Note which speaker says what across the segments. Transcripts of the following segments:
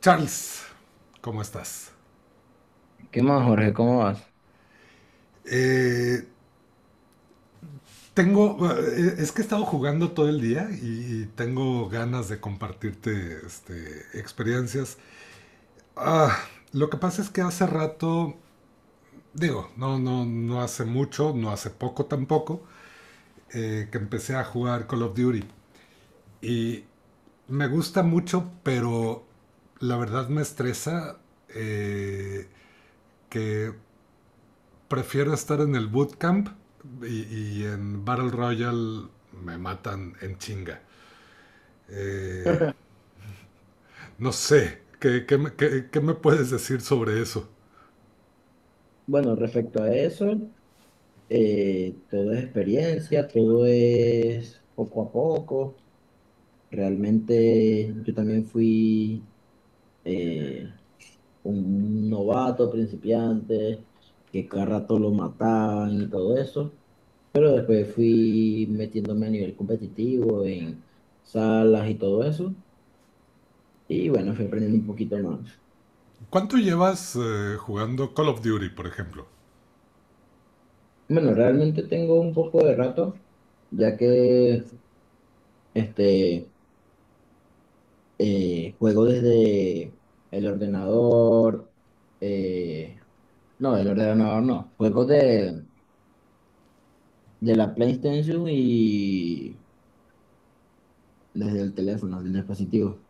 Speaker 1: Charles, ¿cómo estás?
Speaker 2: ¿Qué más, Jorge? ¿Cómo vas?
Speaker 1: Eh, tengo, es que he estado jugando todo el día y tengo ganas de compartirte este, experiencias. Ah, lo que pasa es que hace rato, digo, no, no, no hace mucho, no hace poco tampoco, que empecé a jugar Call of Duty. Y me gusta mucho, pero la verdad me estresa eh, que prefiero estar en el bootcamp y en Battle Royale me matan en chinga. Eh, no sé, qué me puedes decir sobre eso?
Speaker 2: Bueno, respecto a eso, todo es experiencia, todo es poco a poco. Realmente yo también fui eh, un novato principiante, que cada rato lo mataban y todo eso, pero después fui metiéndome a nivel competitivo en salas y todo eso, y bueno, fui aprendiendo un poquito más.
Speaker 1: ¿Cuánto llevas jugando Call of Duty, por ejemplo?
Speaker 2: Bueno, realmente tengo un poco de rato, ya que este... juego desde el ordenador. eh, no, el ordenador no. Juego de la PlayStation y desde el teléfono, del dispositivo.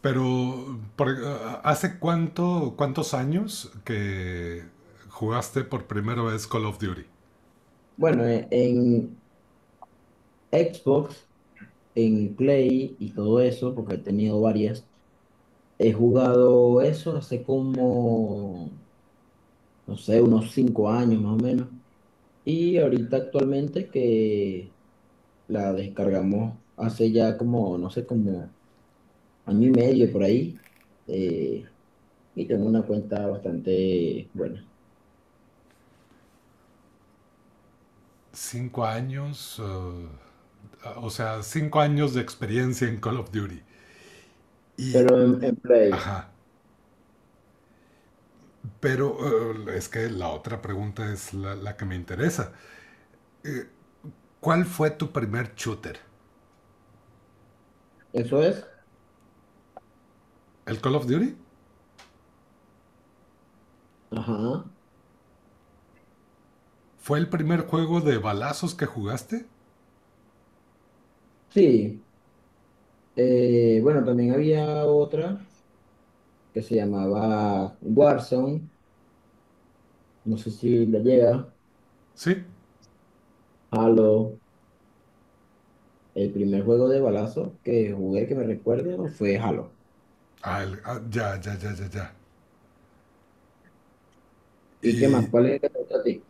Speaker 1: Pero, por- eh, ¿Hace cuánto, cuántos años que jugaste por primera vez Call of Duty?
Speaker 2: Bueno, en Xbox, en Play y todo eso, porque he tenido varias, he jugado eso hace como, no sé, unos cinco años más o menos. Y ahorita actualmente que la descargamos hace ya como, no sé, como año y medio por ahí, eh, y tengo una cuenta bastante buena.
Speaker 1: Cinco años, o sea, cinco años de experiencia en Call of Duty. Y,
Speaker 2: Pero en Play,
Speaker 1: ajá, pero es que la otra pregunta es que me interesa. ¿Cuál fue tu primer shooter?
Speaker 2: eso es.
Speaker 1: ¿El Call of Duty?
Speaker 2: Ajá.
Speaker 1: ¿Fue el primer juego de balazos que jugaste?
Speaker 2: Sí. Bueno, también había otra que se llamaba Warzone. No sé si le llega.
Speaker 1: Sí.
Speaker 2: Halo. El primer juego de balazo que jugué que me recuerdo fue Halo.
Speaker 1: Ah, ya, ya, ya, ya, ya.
Speaker 2: ¿Y qué más?
Speaker 1: Y
Speaker 2: ¿Cuál es el que te gusta a ti?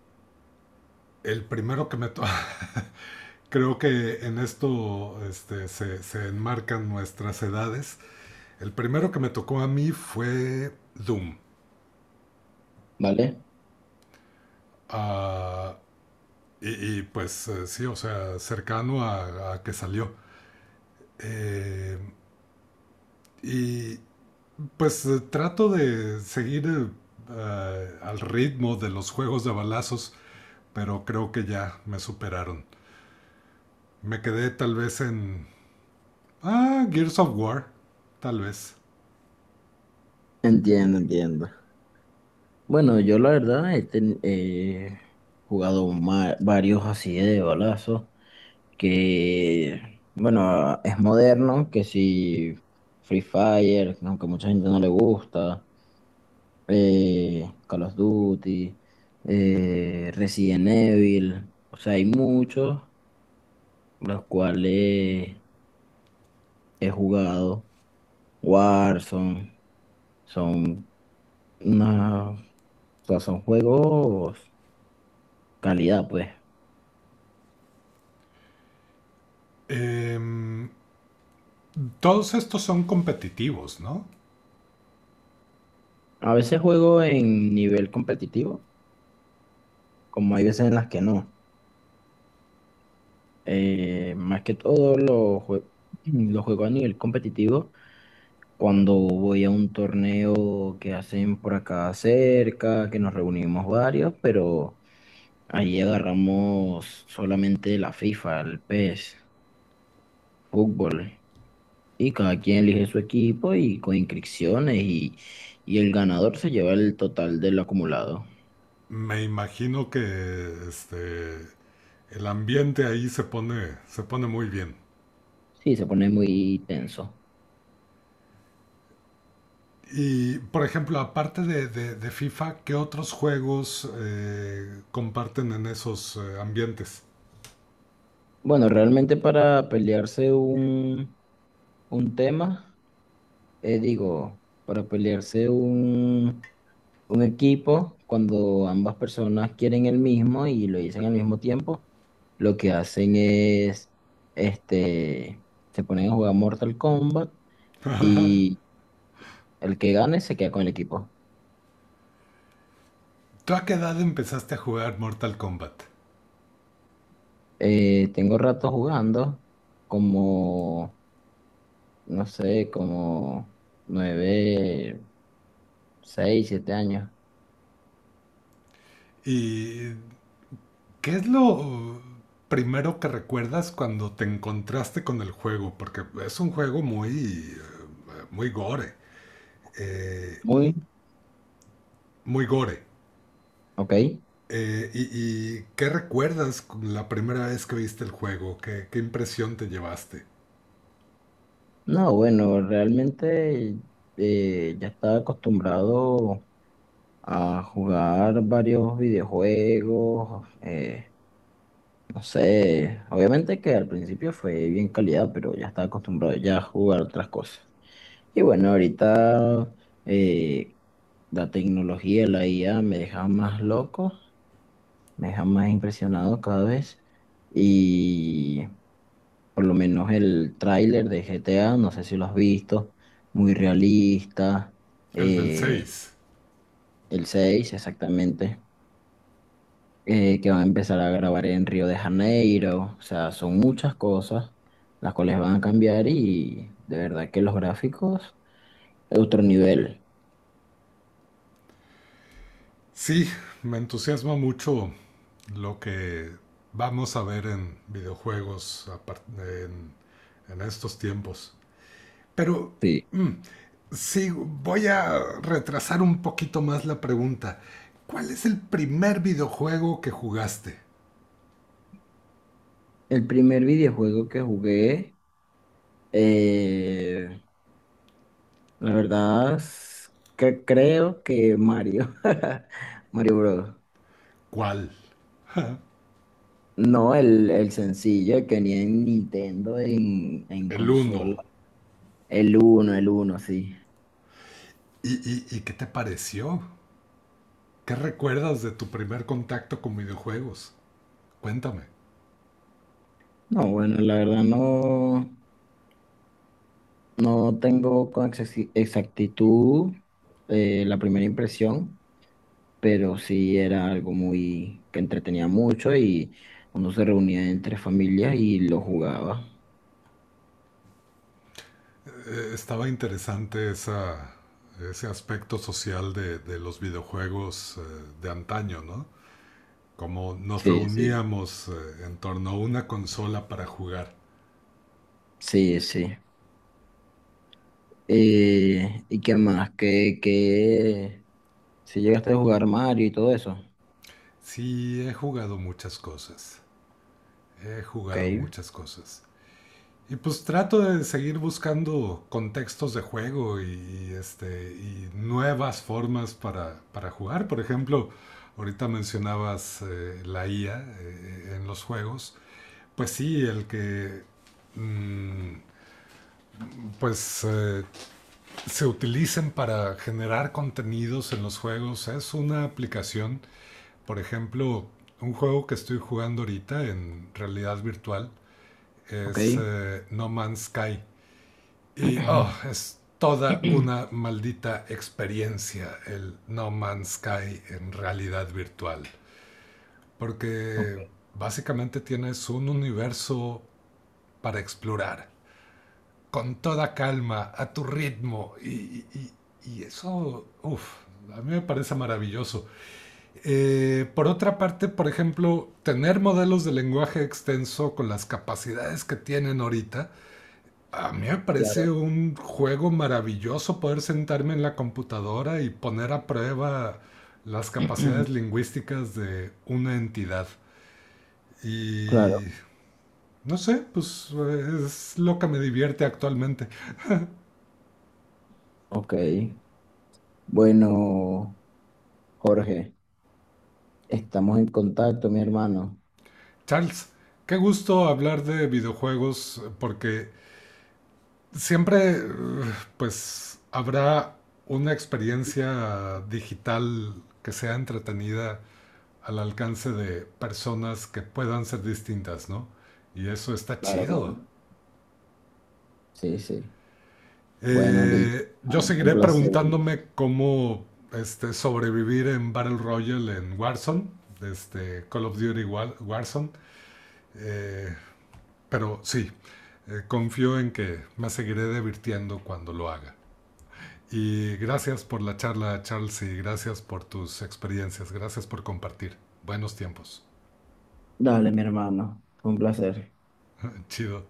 Speaker 1: el primero que Creo que en se enmarcan nuestras edades. El primero que me tocó a mí fue Doom.
Speaker 2: ¿Vale?
Speaker 1: Ah, pues sí, o sea, cercano a que salió. Eh, y Pues trato de seguir al ritmo de los juegos de balazos, pero creo que ya me superaron. Me quedé tal vez en... ah, Gears of War, tal vez.
Speaker 2: Entiendo, entiendo. Bueno, yo la verdad he jugado varios así de balazo. Que, bueno, es moderno, que si Free Fire, aunque mucha gente no le gusta, Call of Duty, Resident Evil, o sea, hay muchos los cuales he jugado, Warzone, son una, o sea, son juegos calidad, pues.
Speaker 1: Em, todos estos son competitivos, ¿no?
Speaker 2: A veces juego en nivel competitivo, como hay veces en las que no. Más que todo lo juego a nivel competitivo cuando voy a un torneo que hacen por acá cerca, que nos reunimos varios, pero ahí agarramos solamente la FIFA, el PES, fútbol. Y cada quien elige su equipo y con inscripciones y el ganador se lleva el total del acumulado.
Speaker 1: Me imagino que este, el ambiente ahí se pone muy bien.
Speaker 2: Sí, se pone muy tenso.
Speaker 1: Y, por ejemplo, aparte de, de FIFA, ¿qué otros juegos comparten en esos ambientes?
Speaker 2: Bueno, realmente para pelearse un tema. Digo, para pelearse un equipo, cuando ambas personas quieren el mismo y lo dicen al mismo tiempo, lo que hacen es, este, se ponen a jugar Mortal Kombat y el que gane se queda con el equipo.
Speaker 1: ¿Tú a qué edad empezaste a jugar Mortal Kombat?
Speaker 2: Tengo rato jugando como, no sé, como nueve, seis, siete años.
Speaker 1: ¿Y qué es lo primero que recuerdas cuando te encontraste con el juego? Porque es un juego muy, muy gore. eh,
Speaker 2: Muy,
Speaker 1: muy gore.
Speaker 2: ok.
Speaker 1: Eh, y, y qué recuerdas con la primera vez que viste el juego? ¿Qué, qué impresión te llevaste?
Speaker 2: No, bueno, realmente ya estaba acostumbrado a jugar varios videojuegos, no sé, obviamente que al principio fue bien calidad, pero ya estaba acostumbrado ya a jugar otras cosas. Y bueno, ahorita eh, la tecnología, la IA me deja más loco, me deja más impresionado cada vez. Por lo menos el tráiler de GTA, no sé si lo has visto, muy realista.
Speaker 1: El del 6.
Speaker 2: eh, el 6 exactamente, que van a empezar a grabar en Río de Janeiro. O sea, son muchas cosas las cuales van a cambiar y de verdad que los gráficos, otro nivel.
Speaker 1: Sí, me entusiasma mucho lo que vamos a ver en videojuegos a en estos tiempos. Pero
Speaker 2: Sí.
Speaker 1: mm, sí, voy a retrasar un poquito más la pregunta. ¿Cuál es el primer videojuego que jugaste?
Speaker 2: El primer videojuego que jugué, eh, la verdad, es que creo que Mario, Mario Bros.
Speaker 1: ¿Cuál?
Speaker 2: No, el sencillo el que tenía en Nintendo en
Speaker 1: El uno.
Speaker 2: consola. El uno sí.
Speaker 1: ¿Y qué te pareció? ¿Qué recuerdas de tu primer contacto con videojuegos? Cuéntame.
Speaker 2: No, bueno, la verdad no, no tengo con exactitud la primera impresión, pero sí era algo muy que entretenía mucho y uno se reunía entre familias y lo jugaba.
Speaker 1: Estaba interesante ese aspecto social de los videojuegos de antaño, ¿no? Como nos
Speaker 2: Sí, sí.
Speaker 1: reuníamos en torno a una consola para jugar.
Speaker 2: Sí, sí. ¿Y qué más? ¿Qué, qué? Si llegaste a jugar Mario y todo eso.
Speaker 1: Sí, he jugado muchas cosas. He
Speaker 2: Ok,
Speaker 1: jugado muchas cosas. Y pues trato de seguir buscando contextos de juego y nuevas formas para jugar. Por ejemplo, ahorita mencionabas la IA en los juegos. Pues sí, el que mm, pues eh, se utilicen para generar contenidos en los juegos es una aplicación. Por ejemplo, un juego que estoy jugando ahorita en realidad virtual es
Speaker 2: ok.
Speaker 1: No Man's Sky. Y oh, es toda una maldita experiencia el No Man's Sky en realidad virtual. Porque básicamente tienes un universo para explorar. Con toda calma, a tu ritmo. Y, y eso, uff, a mí me parece maravilloso. Por otra parte, por ejemplo, tener modelos de lenguaje extenso con las capacidades que tienen ahorita, a mí me parece
Speaker 2: Claro,
Speaker 1: un juego maravilloso poder sentarme en la computadora y poner a prueba las capacidades lingüísticas de una entidad. Y
Speaker 2: claro,
Speaker 1: no sé, pues es lo que me divierte actualmente.
Speaker 2: ok. Bueno, Jorge, estamos en contacto, mi hermano.
Speaker 1: Charles, qué gusto hablar de videojuegos porque siempre pues habrá una experiencia digital que sea entretenida al alcance de personas que puedan ser distintas, ¿no? Y eso está
Speaker 2: Claro,
Speaker 1: chido.
Speaker 2: claro. Sí, sí. Bueno, listo.
Speaker 1: Yo
Speaker 2: Bueno, un
Speaker 1: seguiré
Speaker 2: placer.
Speaker 1: preguntándome cómo este, sobrevivir en Battle Royale en Warzone, este, Call of Duty War, Warzone. Eh, pero sí, confío en que me seguiré divirtiendo cuando lo haga. Y gracias por la charla, Charles, y gracias por tus experiencias, gracias por compartir. Buenos tiempos.
Speaker 2: Dale, mi hermano, un placer.
Speaker 1: Chido.